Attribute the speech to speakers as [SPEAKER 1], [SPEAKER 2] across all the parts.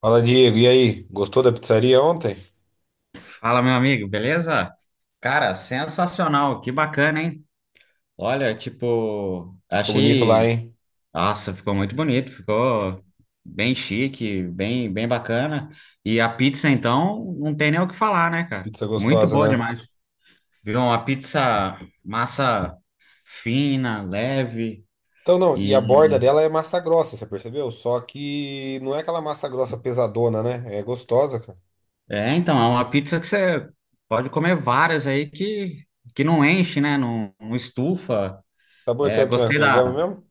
[SPEAKER 1] Fala, Diego. E aí? Gostou da pizzaria ontem? Ficou
[SPEAKER 2] Fala, meu amigo, beleza? Cara, sensacional, que bacana, hein? Olha, tipo,
[SPEAKER 1] bonito lá,
[SPEAKER 2] achei.
[SPEAKER 1] hein?
[SPEAKER 2] Nossa, ficou muito bonito, ficou bem chique, bem bacana. E a pizza, então, não tem nem o que falar, né, cara?
[SPEAKER 1] Pizza
[SPEAKER 2] Muito
[SPEAKER 1] gostosa,
[SPEAKER 2] boa
[SPEAKER 1] né?
[SPEAKER 2] demais. Viu? Uma pizza massa fina, leve.
[SPEAKER 1] Então, não, e a borda
[SPEAKER 2] E.
[SPEAKER 1] dela é massa grossa, você percebeu? Só que não é aquela massa grossa pesadona, né? É gostosa, cara.
[SPEAKER 2] É, então, é uma pizza que você pode comer várias aí que não enche, né? Não estufa.
[SPEAKER 1] Sabor
[SPEAKER 2] É,
[SPEAKER 1] tanto, né?
[SPEAKER 2] gostei da.
[SPEAKER 1] Pegamos mesmo?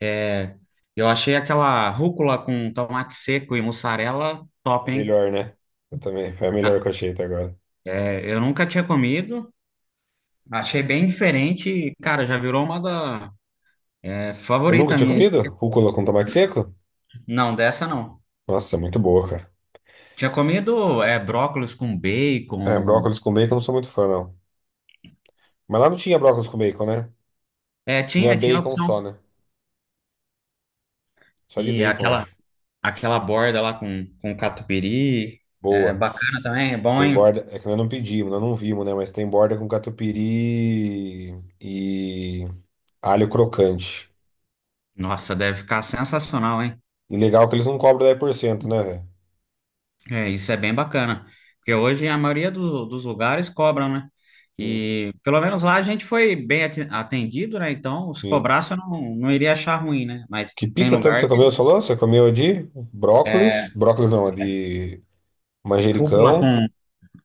[SPEAKER 2] É, eu achei aquela rúcula com tomate seco e mussarela
[SPEAKER 1] É
[SPEAKER 2] top, hein?
[SPEAKER 1] melhor, né? Eu também. Foi a melhor
[SPEAKER 2] Ah,
[SPEAKER 1] que eu achei até agora.
[SPEAKER 2] é, eu nunca tinha comido, achei bem diferente e, cara, já virou uma
[SPEAKER 1] Eu nunca
[SPEAKER 2] favorita
[SPEAKER 1] tinha
[SPEAKER 2] minha.
[SPEAKER 1] comido? Rúcula com tomate seco?
[SPEAKER 2] Não, dessa não.
[SPEAKER 1] Nossa, é muito boa, cara.
[SPEAKER 2] Tinha comido brócolis com
[SPEAKER 1] É,
[SPEAKER 2] bacon.
[SPEAKER 1] brócolis com bacon eu não sou muito fã, não. Mas lá não tinha brócolis com bacon, né?
[SPEAKER 2] É,
[SPEAKER 1] Tinha
[SPEAKER 2] tinha
[SPEAKER 1] bacon só,
[SPEAKER 2] opção.
[SPEAKER 1] né? Só de
[SPEAKER 2] E
[SPEAKER 1] bacon,
[SPEAKER 2] aquela,
[SPEAKER 1] acho.
[SPEAKER 2] aquela borda lá com catupiry. É
[SPEAKER 1] Boa.
[SPEAKER 2] bacana também, é bom,
[SPEAKER 1] Tem
[SPEAKER 2] hein?
[SPEAKER 1] borda, é que nós não pedimos, nós não vimos, né? Mas tem borda com catupiry e alho crocante.
[SPEAKER 2] Nossa, deve ficar sensacional, hein?
[SPEAKER 1] E legal que eles não cobram 10%, né, velho?
[SPEAKER 2] É, isso é bem bacana, porque hoje a maioria dos lugares cobram, né?
[SPEAKER 1] Sim,
[SPEAKER 2] E pelo menos lá a gente foi bem atendido, né? Então, se
[SPEAKER 1] sim.
[SPEAKER 2] cobrasse eu não iria achar ruim, né? Mas
[SPEAKER 1] Que
[SPEAKER 2] tem
[SPEAKER 1] pizza tanto
[SPEAKER 2] lugar
[SPEAKER 1] você comeu,
[SPEAKER 2] que
[SPEAKER 1] você falou? Você comeu a de
[SPEAKER 2] é
[SPEAKER 1] brócolis, brócolis não, a de
[SPEAKER 2] rúcula
[SPEAKER 1] manjericão,
[SPEAKER 2] com,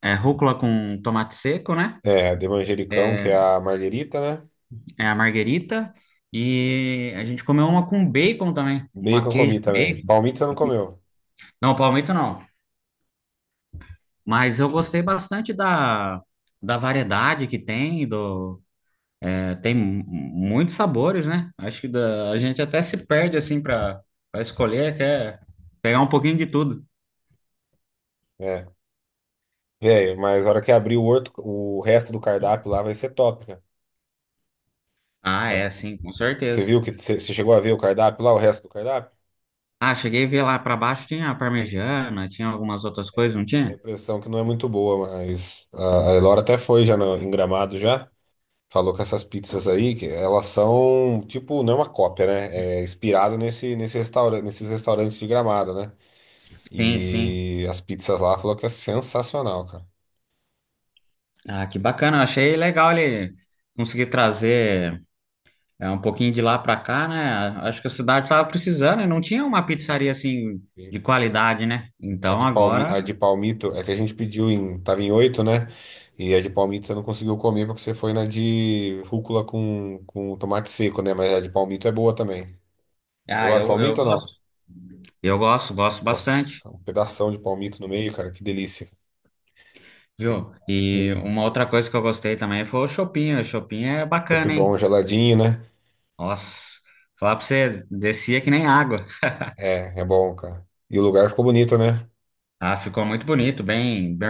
[SPEAKER 2] é rúcula com tomate seco, né?
[SPEAKER 1] a de manjericão, que é a marguerita, né?
[SPEAKER 2] É a marguerita. E a gente comeu uma com bacon também, uma
[SPEAKER 1] Bacon eu
[SPEAKER 2] queijo
[SPEAKER 1] comi também.
[SPEAKER 2] bacon.
[SPEAKER 1] Palmito você não comeu,
[SPEAKER 2] Não, palmito não. Mas eu gostei bastante da variedade que tem, do. Tem muitos sabores, né? Acho que a gente até se perde assim para escolher, quer pegar um pouquinho de tudo.
[SPEAKER 1] é. Velho, mas a hora que abrir o, outro, o resto do cardápio lá vai ser top, né?
[SPEAKER 2] Ah, é,
[SPEAKER 1] Olha,
[SPEAKER 2] sim, com
[SPEAKER 1] você
[SPEAKER 2] certeza.
[SPEAKER 1] viu que você chegou a ver o cardápio lá, o resto do cardápio?
[SPEAKER 2] Ah, cheguei a ver lá para baixo tinha a parmegiana, tinha algumas outras coisas,
[SPEAKER 1] É,
[SPEAKER 2] não
[SPEAKER 1] dá a
[SPEAKER 2] tinha?
[SPEAKER 1] impressão que não é muito boa, mas a Elora até foi já no, em Gramado já. Falou que essas pizzas aí, que elas são, tipo, não é uma cópia, né? É inspirado nesse restaurante, nesses restaurantes de Gramado, né?
[SPEAKER 2] Sim, sim.
[SPEAKER 1] E as pizzas lá falou que é sensacional, cara.
[SPEAKER 2] Ah, que bacana. Achei legal ele conseguir trazer um pouquinho de lá para cá, né? Acho que a cidade tava precisando e não tinha uma pizzaria assim
[SPEAKER 1] E
[SPEAKER 2] de qualidade, né? Então agora,
[SPEAKER 1] A de Palmito é que a gente pediu tava em oito, né? E a de Palmito você não conseguiu comer porque você foi na de rúcula com tomate seco, né? Mas a de Palmito é boa também. Você
[SPEAKER 2] ah,
[SPEAKER 1] gosta de
[SPEAKER 2] eu
[SPEAKER 1] Palmito ou não?
[SPEAKER 2] gosto. Eu gosto, gosto bastante.
[SPEAKER 1] Nossa, um pedação de palmito no meio, cara, que delícia.
[SPEAKER 2] Viu? E
[SPEAKER 1] Hum.
[SPEAKER 2] uma outra coisa que eu gostei também foi o shopping. O shopping é
[SPEAKER 1] Top
[SPEAKER 2] bacana,
[SPEAKER 1] bom,
[SPEAKER 2] hein?
[SPEAKER 1] geladinho, né?
[SPEAKER 2] Nossa, falar pra você, descia que nem água.
[SPEAKER 1] É bom, cara. E o lugar ficou bonito, né?
[SPEAKER 2] Ah, ficou muito bonito, bem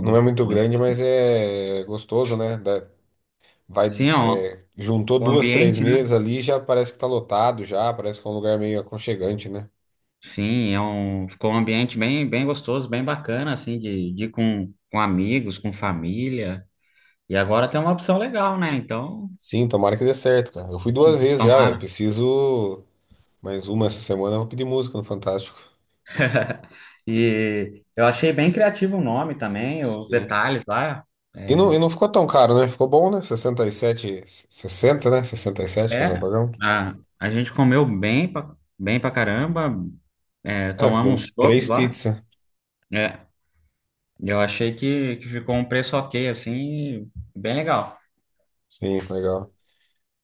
[SPEAKER 1] Não é muito
[SPEAKER 2] Bem...
[SPEAKER 1] grande, mas é gostoso, né? Vai,
[SPEAKER 2] Sim, ó,
[SPEAKER 1] juntou
[SPEAKER 2] o
[SPEAKER 1] duas, três
[SPEAKER 2] ambiente, né?
[SPEAKER 1] mesas ali, já parece que tá lotado já, parece que é um lugar meio aconchegante, né?
[SPEAKER 2] Sim, é um... ficou um ambiente bem gostoso, bem bacana, assim, de ir com amigos, com família. E agora tem uma opção legal, né? Então,
[SPEAKER 1] Sim, tomara que dê certo, cara. Eu fui duas vezes já, eu
[SPEAKER 2] tomara.
[SPEAKER 1] preciso mais uma essa semana, eu vou pedir música no Fantástico.
[SPEAKER 2] E eu achei bem criativo o nome também, os
[SPEAKER 1] Sim.
[SPEAKER 2] detalhes lá.
[SPEAKER 1] E
[SPEAKER 2] é,
[SPEAKER 1] não, e não ficou tão caro, né? Ficou bom, né? 67, 60, né? 67, que nós
[SPEAKER 2] É,
[SPEAKER 1] pagamos.
[SPEAKER 2] a gente comeu bem pra caramba,
[SPEAKER 1] É,
[SPEAKER 2] tomamos
[SPEAKER 1] fizemos três
[SPEAKER 2] chopps lá.
[SPEAKER 1] pizzas.
[SPEAKER 2] É, eu achei que ficou um preço ok, assim, bem legal.
[SPEAKER 1] Sim, legal.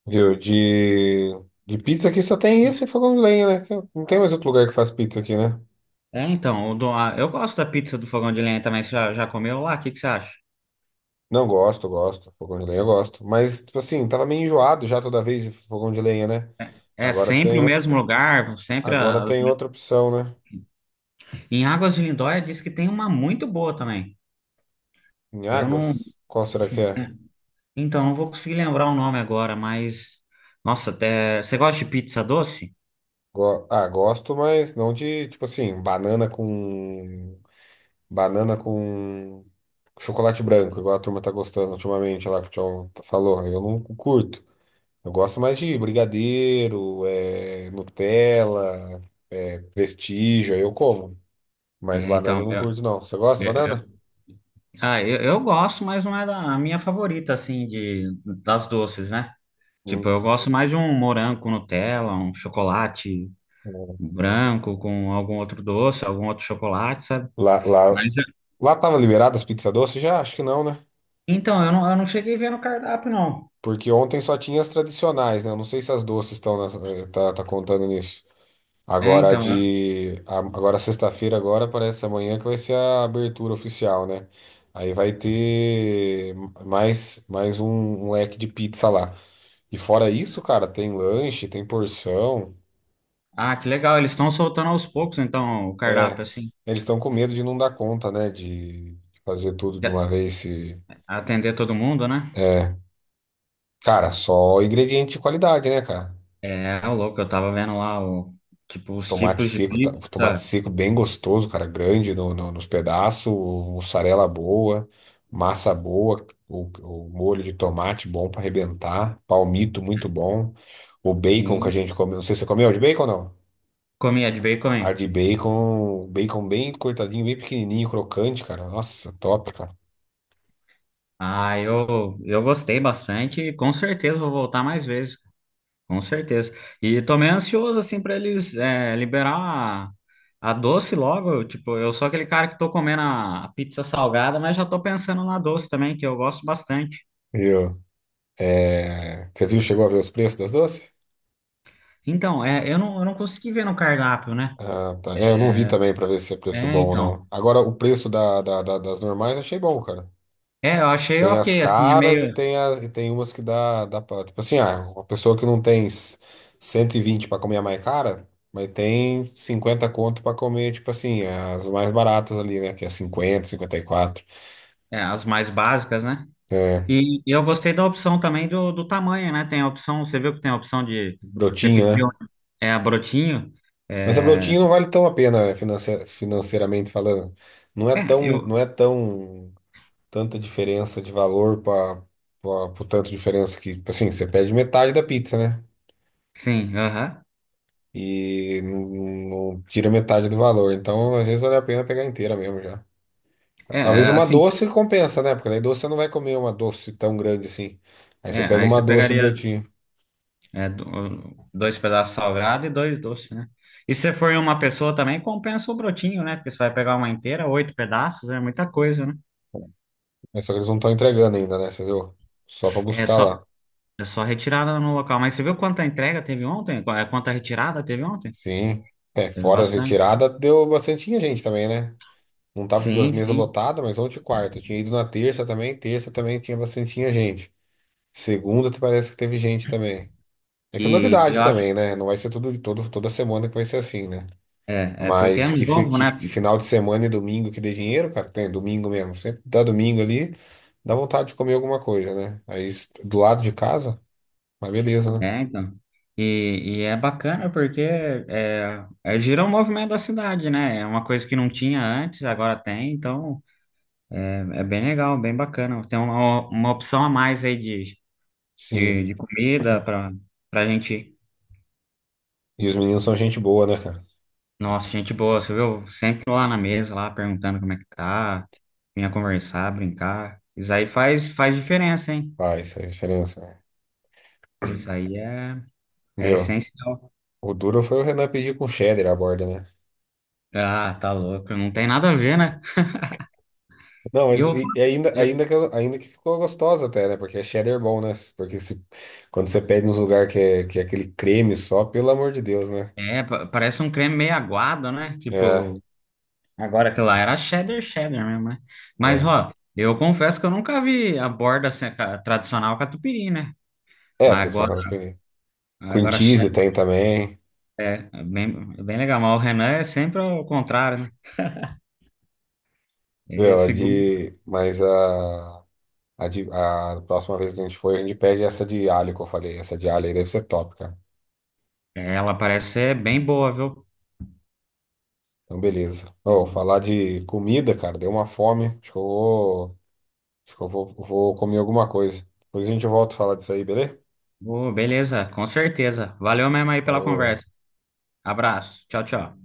[SPEAKER 1] Viu? De pizza aqui só tem isso e fogão de lenha, né? Que não tem mais outro lugar que faz pizza aqui, né?
[SPEAKER 2] É, então, eu gosto da pizza do Fogão de Lenha também, você já comeu lá? O que você acha?
[SPEAKER 1] Não, gosto, gosto. Fogão de lenha eu gosto. Mas, tipo assim, tava meio enjoado já toda vez de fogão de lenha, né?
[SPEAKER 2] É
[SPEAKER 1] Agora
[SPEAKER 2] sempre
[SPEAKER 1] tem,
[SPEAKER 2] o mesmo lugar, sempre
[SPEAKER 1] agora
[SPEAKER 2] as...
[SPEAKER 1] tem outra opção, né?
[SPEAKER 2] Em Águas de Lindóia diz que tem uma muito boa também.
[SPEAKER 1] Em
[SPEAKER 2] Eu não...
[SPEAKER 1] Águas? Qual será que é?
[SPEAKER 2] Então, não vou conseguir lembrar o nome agora, mas... Nossa, até... Você gosta de pizza doce?
[SPEAKER 1] Gosto, mas não de, tipo assim, banana com. Banana com chocolate branco, igual a turma tá gostando ultimamente lá que o Tchau falou. Eu não curto. Eu gosto mais de brigadeiro, é, Nutella, é, Prestígio, aí eu como. Mas
[SPEAKER 2] É, então,
[SPEAKER 1] banana eu não
[SPEAKER 2] eu,
[SPEAKER 1] curto, não. Você gosta de banana?
[SPEAKER 2] Ah, eu gosto, mas não é a minha favorita, assim, das doces, né? Tipo,
[SPEAKER 1] Hum.
[SPEAKER 2] eu gosto mais de um morango com Nutella, um chocolate
[SPEAKER 1] Hum.
[SPEAKER 2] branco com algum outro doce, algum outro chocolate, sabe?
[SPEAKER 1] Lá, lá,
[SPEAKER 2] Mas,
[SPEAKER 1] lá tava liberada as pizzas doces? Já? Acho que não, né?
[SPEAKER 2] então, eu não cheguei a ver no cardápio, não.
[SPEAKER 1] Porque ontem só tinha as tradicionais, né? Eu não sei se as doces estão tá contando nisso.
[SPEAKER 2] É,
[SPEAKER 1] Agora a
[SPEAKER 2] então,
[SPEAKER 1] de... a- Agora sexta-feira, agora parece amanhã que vai ser a abertura oficial, né? Aí vai ter mais um leque de pizza lá. E fora isso, cara, tem lanche, tem porção.
[SPEAKER 2] ah, que legal, eles estão soltando aos poucos, então, o cardápio,
[SPEAKER 1] É,
[SPEAKER 2] assim,
[SPEAKER 1] eles estão com medo de não dar conta, né? De fazer tudo de
[SPEAKER 2] de-
[SPEAKER 1] uma vez. Se...
[SPEAKER 2] atender todo mundo, né?
[SPEAKER 1] É, cara, só ingrediente de qualidade, né, cara?
[SPEAKER 2] É, ô louco, eu tava vendo lá, tipo, os tipos de
[SPEAKER 1] Tomate
[SPEAKER 2] pizza,
[SPEAKER 1] seco bem gostoso, cara, grande nos pedaços, mussarela boa, massa boa, o molho de tomate bom pra arrebentar, palmito muito bom, o bacon que a
[SPEAKER 2] assim,
[SPEAKER 1] gente comeu. Não sei se você comeu de bacon ou não?
[SPEAKER 2] comia de bacon,
[SPEAKER 1] Ar
[SPEAKER 2] hein?
[SPEAKER 1] de bacon, bacon bem cortadinho, bem pequenininho, crocante, cara. Nossa, top, cara.
[SPEAKER 2] Ah, eu gostei bastante e com certeza vou voltar mais vezes, com certeza. E tô meio ansioso, assim, pra eles liberar a doce logo. Tipo, eu sou aquele cara que tô comendo a pizza salgada, mas já tô pensando na doce também, que eu gosto bastante.
[SPEAKER 1] Viu? É, você viu, chegou a ver os preços das doces?
[SPEAKER 2] Então, é, eu não consegui ver no cardápio, né?
[SPEAKER 1] Ah, tá. É, eu não vi também pra ver se é preço
[SPEAKER 2] É,
[SPEAKER 1] bom ou não.
[SPEAKER 2] então.
[SPEAKER 1] Agora, o preço das normais eu achei bom, cara.
[SPEAKER 2] É, eu achei
[SPEAKER 1] Tem as
[SPEAKER 2] ok, assim, é
[SPEAKER 1] caras
[SPEAKER 2] meio...
[SPEAKER 1] e tem umas que dá pra. Tipo assim, ah, uma pessoa que não tem 120 pra comer a mais cara, mas tem 50 conto pra comer, tipo assim, as mais baratas ali, né? Que é 50, 54.
[SPEAKER 2] as mais básicas, né?
[SPEAKER 1] É,
[SPEAKER 2] E eu gostei da opção também do tamanho, né? Tem a opção, você viu que tem a opção de você
[SPEAKER 1] brotinho,
[SPEAKER 2] pediu
[SPEAKER 1] né?
[SPEAKER 2] é a brotinho.
[SPEAKER 1] Mas a
[SPEAKER 2] É,
[SPEAKER 1] Brotinho não vale tão a pena financeiramente falando. Não é
[SPEAKER 2] é,
[SPEAKER 1] tão, não
[SPEAKER 2] eu
[SPEAKER 1] é tão tanta diferença de valor para o tanto de diferença que, assim, você perde metade da pizza, né?
[SPEAKER 2] sim, aham.
[SPEAKER 1] E não, não tira metade do valor. Então, às vezes vale a pena pegar inteira mesmo já.
[SPEAKER 2] É,
[SPEAKER 1] Talvez
[SPEAKER 2] é,
[SPEAKER 1] uma
[SPEAKER 2] assim,
[SPEAKER 1] doce compensa, né? Porque daí doce você não vai comer uma doce tão grande assim. Aí você pega
[SPEAKER 2] aí
[SPEAKER 1] uma
[SPEAKER 2] você
[SPEAKER 1] doce
[SPEAKER 2] pegaria
[SPEAKER 1] Brotinho.
[SPEAKER 2] dois pedaços salgado e dois doces, né? E se for uma pessoa também, compensa o brotinho, né? Porque você vai pegar uma inteira, oito pedaços, é muita coisa, né?
[SPEAKER 1] Mas só que eles não estão entregando ainda, né? Você viu? Só para
[SPEAKER 2] É
[SPEAKER 1] buscar
[SPEAKER 2] só,
[SPEAKER 1] lá.
[SPEAKER 2] é só retirada no local. Mas você viu quanta entrega teve ontem? Quanta retirada teve ontem?
[SPEAKER 1] Sim. É,
[SPEAKER 2] Teve
[SPEAKER 1] fora as
[SPEAKER 2] bastante.
[SPEAKER 1] retiradas, deu bastante gente também, né? Não tava todas as
[SPEAKER 2] Sim,
[SPEAKER 1] mesas
[SPEAKER 2] sim.
[SPEAKER 1] lotadas, mas ontem e quarta. Eu tinha ido na terça também. Terça também tinha bastante tinha gente. Segunda parece que teve gente também. É que é
[SPEAKER 2] E eu
[SPEAKER 1] novidade
[SPEAKER 2] acho.
[SPEAKER 1] também, né? Não vai ser tudo, todo, toda semana que vai ser assim, né?
[SPEAKER 2] É, porque é
[SPEAKER 1] Mas que, fi-
[SPEAKER 2] novo,
[SPEAKER 1] que-
[SPEAKER 2] né?
[SPEAKER 1] que final de semana e domingo que dê dinheiro, cara, tem domingo mesmo. Sempre dá domingo ali, dá vontade de comer alguma coisa, né? Aí do lado de casa, mas beleza, né?
[SPEAKER 2] É, então. E é bacana porque gira o movimento da cidade, né? É uma coisa que não tinha antes, agora tem, então é bem legal, bem bacana. Tem uma opção a mais aí de, de,
[SPEAKER 1] Sim.
[SPEAKER 2] de comida para gente.
[SPEAKER 1] E os meninos são gente boa, né, cara?
[SPEAKER 2] Nossa, gente boa, você viu? Sempre lá na mesa, lá perguntando como é que tá, vinha conversar, brincar. Isso aí faz diferença, hein?
[SPEAKER 1] Faz diferença, né?
[SPEAKER 2] Isso aí é
[SPEAKER 1] Meu,
[SPEAKER 2] essencial.
[SPEAKER 1] o duro foi o Renan pedir com cheddar a borda, né?
[SPEAKER 2] Ah, tá louco, não tem nada a ver, né?
[SPEAKER 1] Não,
[SPEAKER 2] E
[SPEAKER 1] mas
[SPEAKER 2] eu, falo pra eu-
[SPEAKER 1] ainda que ficou gostosa até, né? Porque é cheddar bom, né? Porque se, quando você pede nos lugares que é aquele creme só, pelo amor de Deus, né?
[SPEAKER 2] é, pa- parece um creme meio aguado, né?
[SPEAKER 1] É,
[SPEAKER 2] Tipo, agora que lá era cheddar, cheddar mesmo, né? Mas,
[SPEAKER 1] é.
[SPEAKER 2] ó, eu confesso que eu nunca vi a borda assim, a tradicional catupiry, né?
[SPEAKER 1] É,
[SPEAKER 2] Mas agora,
[SPEAKER 1] tradicional catupiry. Cream
[SPEAKER 2] agora
[SPEAKER 1] cheese
[SPEAKER 2] cheddar
[SPEAKER 1] tem também.
[SPEAKER 2] é bem legal. Mas o Renan é sempre ao contrário, né? E
[SPEAKER 1] Meu,
[SPEAKER 2] figu-
[SPEAKER 1] a próxima vez que a gente for, a gente pede essa de alho que eu falei. Essa de alho aí deve ser top, cara.
[SPEAKER 2] Ela parece ser bem boa, viu?
[SPEAKER 1] Então, beleza.
[SPEAKER 2] E-
[SPEAKER 1] Ô, falar de comida, cara, deu uma fome. Acho que eu vou, acho que eu vou, vou comer alguma coisa. Depois a gente volta a falar disso aí, beleza?
[SPEAKER 2] Ô, beleza, com certeza. Valeu mesmo aí pela
[SPEAKER 1] Falou.
[SPEAKER 2] conversa. Abraço. Tchau, tchau.